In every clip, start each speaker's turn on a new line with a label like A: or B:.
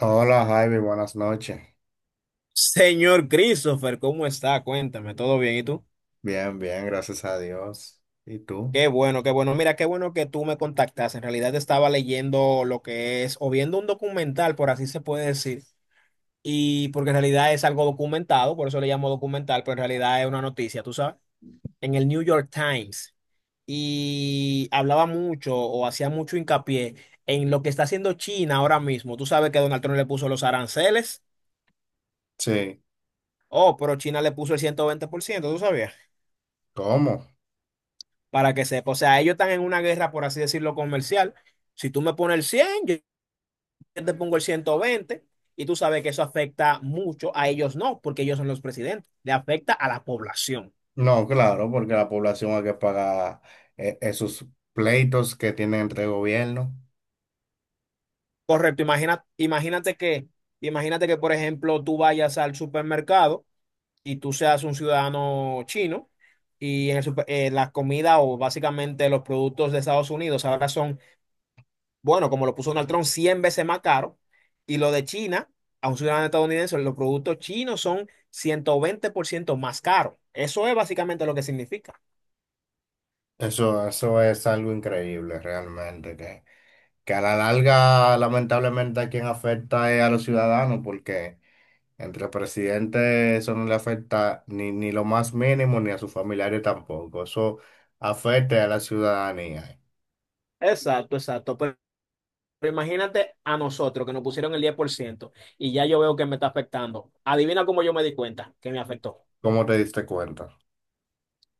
A: Hola Javi, buenas noches.
B: Señor Christopher, ¿cómo está? Cuéntame, ¿todo bien? ¿Y tú?
A: Bien, bien, gracias a Dios. ¿Y tú?
B: Qué bueno, qué bueno. Mira, qué bueno que tú me contactas. En realidad estaba leyendo lo que es, o viendo un documental, por así se puede decir. Y porque en realidad es algo documentado, por eso le llamo documental, pero en realidad es una noticia, ¿tú sabes? En el New York Times. Y hablaba mucho o hacía mucho hincapié en lo que está haciendo China ahora mismo. Tú sabes que Donald Trump le puso los aranceles.
A: Sí.
B: Oh, pero China le puso el 120%. ¿Tú sabías?
A: ¿Cómo?
B: Para que sepa. O sea, ellos están en una guerra, por así decirlo, comercial. Si tú me pones el 100, yo te pongo el 120 y tú sabes que eso afecta mucho, a ellos no, porque ellos son los presidentes, le afecta a la población.
A: No, claro, porque la población hay que pagar esos pleitos que tienen entre gobierno.
B: Correcto, imagina, imagínate que, por ejemplo, tú vayas al supermercado y tú seas un ciudadano chino y en el la comida o básicamente los productos de Estados Unidos ahora son, bueno, como lo puso Donald Trump, 100 veces más caro. Y lo de China, a un ciudadano estadounidense, los productos chinos son 120% más caros. Eso es básicamente lo que significa.
A: Eso es algo increíble realmente, que a la larga lamentablemente a quien afecta es a los ciudadanos, porque entre presidentes eso no le afecta ni lo más mínimo, ni a sus familiares tampoco. Eso afecta a la ciudadanía.
B: Exacto, exacto. Pero imagínate a nosotros que nos pusieron el 10% y ya yo veo que me está afectando. Adivina cómo yo me di cuenta que me afectó.
A: ¿Cómo te diste cuenta?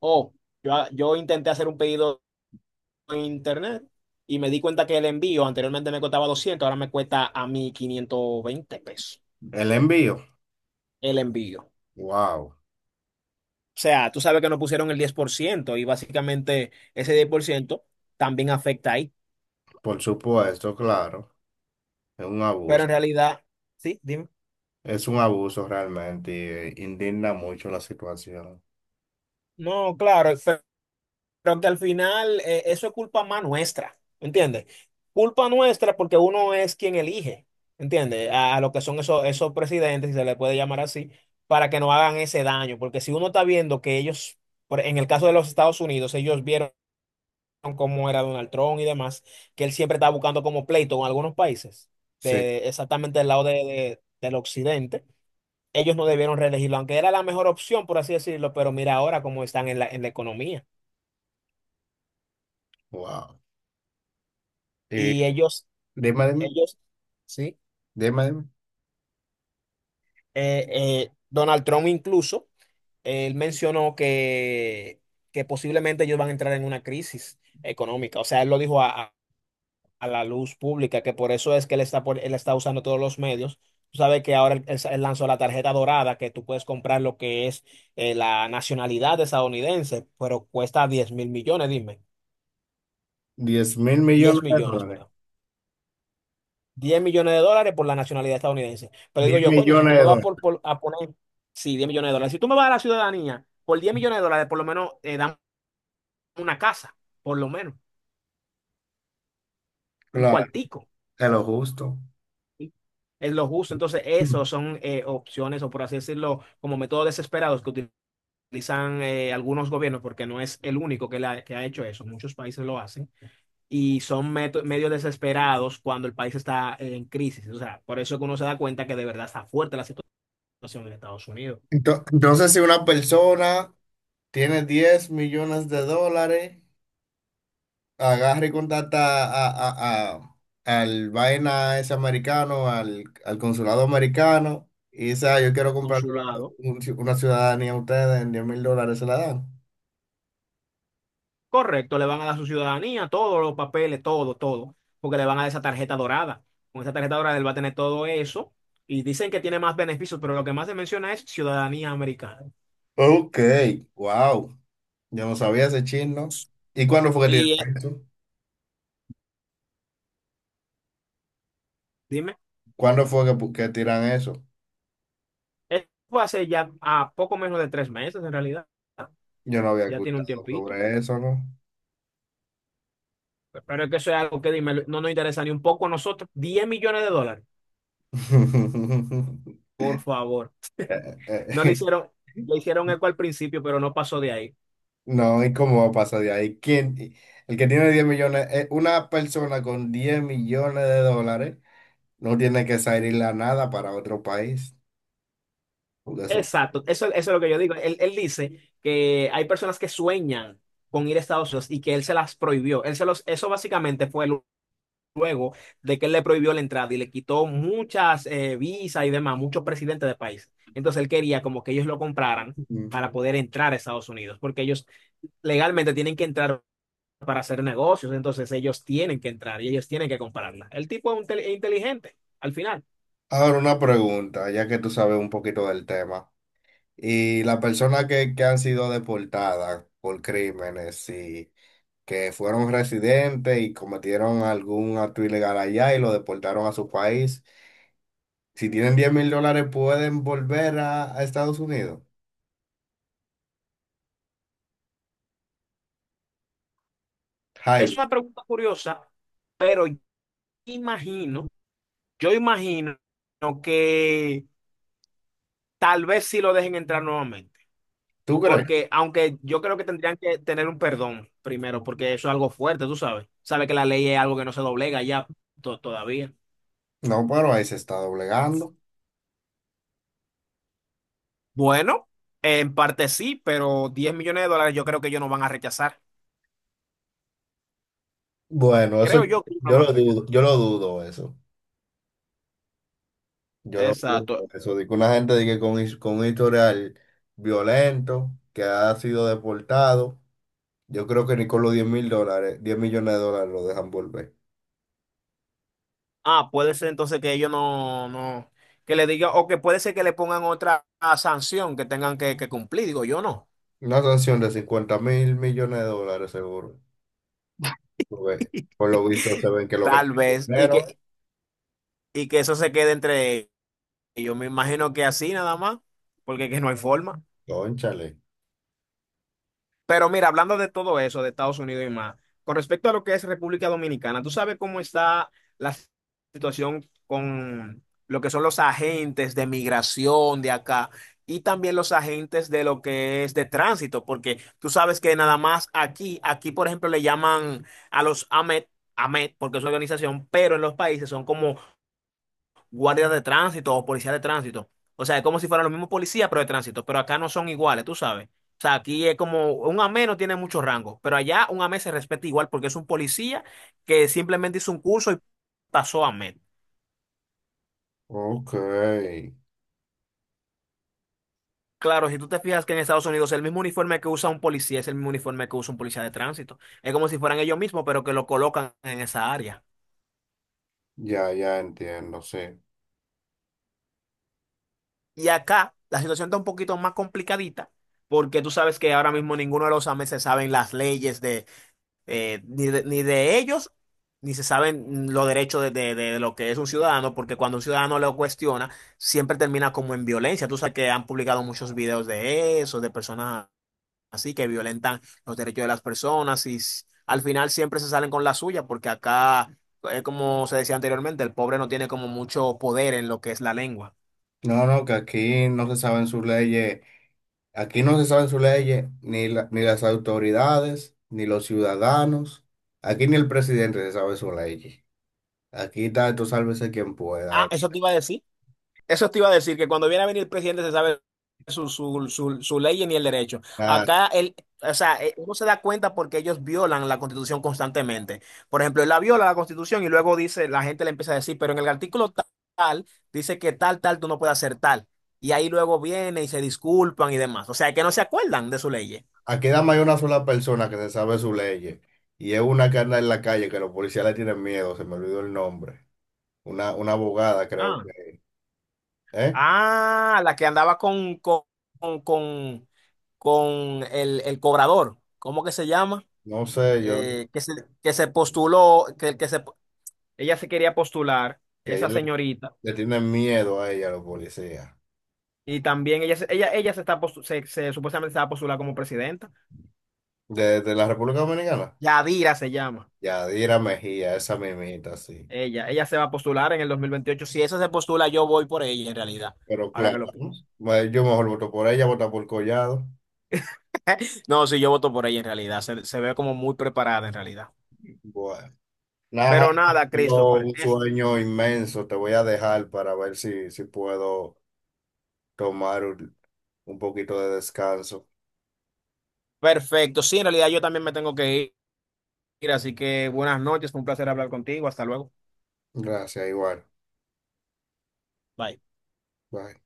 B: Oh, yo intenté hacer un pedido en internet y me di cuenta que el envío anteriormente me costaba 200, ahora me cuesta a mí 520 pesos
A: El envío,
B: el envío.
A: wow,
B: O sea, tú sabes que nos pusieron el 10% y básicamente ese 10% también afecta ahí.
A: por supuesto, claro, es un
B: Pero
A: abuso,
B: en realidad, sí, dime.
A: realmente, y indigna mucho la situación.
B: No, claro, pero que al final eso es culpa más nuestra, ¿entiendes? Culpa nuestra porque uno es quien elige, ¿entiendes? A lo que son esos, esos presidentes, si se les puede llamar así, para que no hagan ese daño. Porque si uno está viendo que ellos, en el caso de los Estados Unidos, ellos vieron cómo era Donald Trump y demás, que él siempre estaba buscando como pleito con algunos países,
A: Sí,
B: de, exactamente del lado de, del occidente. Ellos no debieron reelegirlo, aunque era la mejor opción, por así decirlo, pero mira ahora cómo están en la economía.
A: wow. Eh,
B: Y ellos,
A: dime, dime,
B: ellos, sí,
A: dime, dime.
B: Donald Trump incluso, él mencionó que posiblemente ellos van a entrar en una crisis económica. O sea, él lo dijo a la luz pública, que por eso es que él está, él está usando todos los medios. Tú sabes que ahora él lanzó la tarjeta dorada, que tú puedes comprar lo que es la nacionalidad estadounidense, pero cuesta 10 mil millones, dime. Diez
A: 10
B: millones,
A: mil millones de dólares,
B: perdón. 10 millones de dólares por la nacionalidad estadounidense. Pero digo
A: 10
B: yo, coño, si
A: millones
B: tú
A: de
B: me vas
A: dólares,
B: a poner, sí, 10 millones de dólares. Si tú me vas a la ciudadanía por 10 millones de dólares, por lo menos dame una casa, por lo menos, un
A: claro,
B: cuartico.
A: es lo justo.
B: Es lo justo. Entonces, esos son opciones, o por así decirlo, como métodos desesperados que utilizan algunos gobiernos, porque no es el único que, que ha hecho eso. Muchos países lo hacen. Y son medios desesperados cuando el país está en crisis. O sea, por eso es que uno se da cuenta que de verdad está fuerte la situación en Estados Unidos.
A: Entonces, si una persona tiene 10 millones de dólares, agarra y contacta a, a- a- al vaina ese americano, al consulado americano, y dice, "Ah, yo quiero comprar una,
B: Consulado.
A: un ci- una ciudadanía a ustedes en 10.000 dólares, se la dan."
B: Correcto, le van a dar su ciudadanía, todos los papeles, todo, todo, porque le van a dar esa tarjeta dorada. Con esa tarjeta dorada él va a tener todo eso y dicen que tiene más beneficios, pero lo que más se menciona es ciudadanía americana.
A: Ok, wow, yo no sabía ese chino. ¿Y cuándo fue que
B: Y
A: tiran eso?
B: dime,
A: ¿Cuándo fue que tiran eso?
B: esto fue hace ya a poco menos de 3 meses en realidad,
A: Yo no había
B: ya tiene un
A: escuchado
B: tiempito,
A: sobre eso, ¿no?
B: pero es que eso es algo que, dime, no nos interesa ni un poco a nosotros. 10 millones de dólares, por favor.
A: Eh,
B: No le
A: eh,
B: hicieron, le hicieron eco al principio, pero no pasó de ahí.
A: No, ¿y cómo pasa de ahí? ¿Quién? El que tiene 10 millones, una persona con 10 millones de dólares no tiene que salir a nada para otro país. Porque eso-
B: Exacto, eso es lo que yo digo. Él dice que hay personas que sueñan con ir a Estados Unidos y que él se las prohibió. Él se los, eso básicamente fue luego de que él le prohibió la entrada y le quitó muchas visas y demás, muchos presidentes de país. Entonces él quería como que ellos lo compraran
A: Mm.
B: para poder entrar a Estados Unidos, porque ellos legalmente tienen que entrar para hacer negocios, entonces ellos tienen que entrar y ellos tienen que comprarla. El tipo es un inteligente, al final.
A: Ahora una pregunta, ya que tú sabes un poquito del tema. Y las personas que han sido deportadas por crímenes y que fueron residentes y cometieron algún acto ilegal allá y lo deportaron a su país, si tienen 10.000 dólares pueden volver a Estados Unidos.
B: Es
A: Jaime,
B: una pregunta curiosa, pero imagino. Yo imagino que tal vez sí lo dejen entrar nuevamente,
A: ¿tú crees?
B: porque aunque yo creo que tendrían que tener un perdón primero, porque eso es algo fuerte, tú sabes. Sabes que la ley es algo que no se doblega ya todavía.
A: No, pero ahí se está doblegando.
B: Bueno, en parte sí, pero 10 millones de dólares yo creo que ellos no van a rechazar.
A: Bueno, eso
B: Creo
A: yo,
B: yo que ellos no
A: yo
B: van
A: lo
B: a
A: dudo,
B: rechazar.
A: yo lo dudo eso. Yo lo dudo
B: Exacto.
A: eso. De que una gente de que con un historial violento, que ha sido deportado, yo creo que ni con los 10 mil dólares, 10 millones de dólares lo dejan volver.
B: Ah, puede ser entonces que ellos no, no, que le digan, o que puede ser que le pongan otra sanción que tengan que cumplir, digo yo no.
A: Una sanción de 50.000 millones de dólares seguro. Porque, por lo visto se ven que lo que
B: Tal
A: tiene
B: vez,
A: dinero,
B: y que eso se quede entre ellos. Me imagino que así nada más, porque que no hay forma.
A: cónchale.
B: Pero mira, hablando de todo eso, de Estados Unidos y más, con respecto a lo que es República Dominicana, ¿tú sabes cómo está la situación con lo que son los agentes de migración de acá? Y también los agentes de lo que es de tránsito, porque tú sabes que nada más aquí, aquí por ejemplo le llaman a los AMET, AMET, porque es una organización, pero en los países son como guardias de tránsito o policías de tránsito. O sea, es como si fueran los mismos policías, pero de tránsito. Pero acá no son iguales, tú sabes. O sea, aquí es como un AME no tiene mucho rango, pero allá un AME se respeta igual porque es un policía que simplemente hizo un curso y pasó a AME.
A: Ok,
B: Claro, si tú te fijas que en Estados Unidos el mismo uniforme que usa un policía es el mismo uniforme que usa un policía de tránsito. Es como si fueran ellos mismos, pero que lo colocan en esa área.
A: ya, ya entiendo, sí.
B: Y acá la situación está un poquito más complicadita porque tú sabes que ahora mismo ninguno de los AME se saben las leyes de ni de, ni de ellos, ni se saben los derechos de, de lo que es un ciudadano, porque cuando un ciudadano lo cuestiona, siempre termina como en violencia. Tú sabes que han publicado muchos videos de eso, de personas así que violentan los derechos de las personas y al final siempre se salen con la suya, porque acá, como se decía anteriormente, el pobre no tiene como mucho poder en lo que es la lengua.
A: No, no, que aquí no se saben sus leyes. Aquí no se saben sus leyes, ni las autoridades, ni los ciudadanos. Aquí ni el presidente se sabe sus leyes. Aquí está, esto sálvese quien pueda.
B: Ah, eso te iba a decir. Eso te iba a decir, que cuando viene a venir el presidente se sabe su ley ni el derecho.
A: Nada.
B: Acá él, o sea, uno se da cuenta porque ellos violan la Constitución constantemente. Por ejemplo, él la viola la Constitución y luego dice, la gente le empieza a decir, pero en el artículo tal, dice que tal, tal, tú no puedes hacer tal. Y ahí luego viene y se disculpan y demás. O sea, que no se acuerdan de su ley.
A: Aquí nada más hay una sola persona que se sabe sus leyes. Y es una que anda en la calle que los policías le tienen miedo, se me olvidó el nombre. Una abogada, creo
B: Ah,
A: que. ¿Eh?
B: ah, la que andaba con, con el cobrador. ¿Cómo que se llama?
A: No sé, yo,
B: eh, que se, que se postuló, que se... Ella se quería postular,
A: que
B: esa
A: ellos le,
B: señorita,
A: le tienen miedo a ella, a los policías.
B: y también ella, ella, ella se está supuestamente se va a postular como presidenta.
A: De la República Dominicana.
B: Yadira se llama.
A: Yadira Mejía, esa mimita, sí.
B: Ella se va a postular en el 2028. Si esa se postula, yo voy por ella en realidad.
A: Pero
B: Ahora
A: claro,
B: que lo
A: ¿no?
B: pienso.
A: Bueno, yo mejor voto por ella, voto por Collado.
B: No, sí, yo voto por ella en realidad. Se ve como muy preparada en realidad.
A: Bueno, nada,
B: Pero nada,
A: tengo
B: Christopher,
A: un
B: es...
A: sueño inmenso. Te voy a dejar para ver si puedo tomar un poquito de descanso.
B: Perfecto. Sí, en realidad yo también me tengo que ir, así que buenas noches. Fue un placer hablar contigo. Hasta luego.
A: Gracias, igual.
B: Bye.
A: Bye.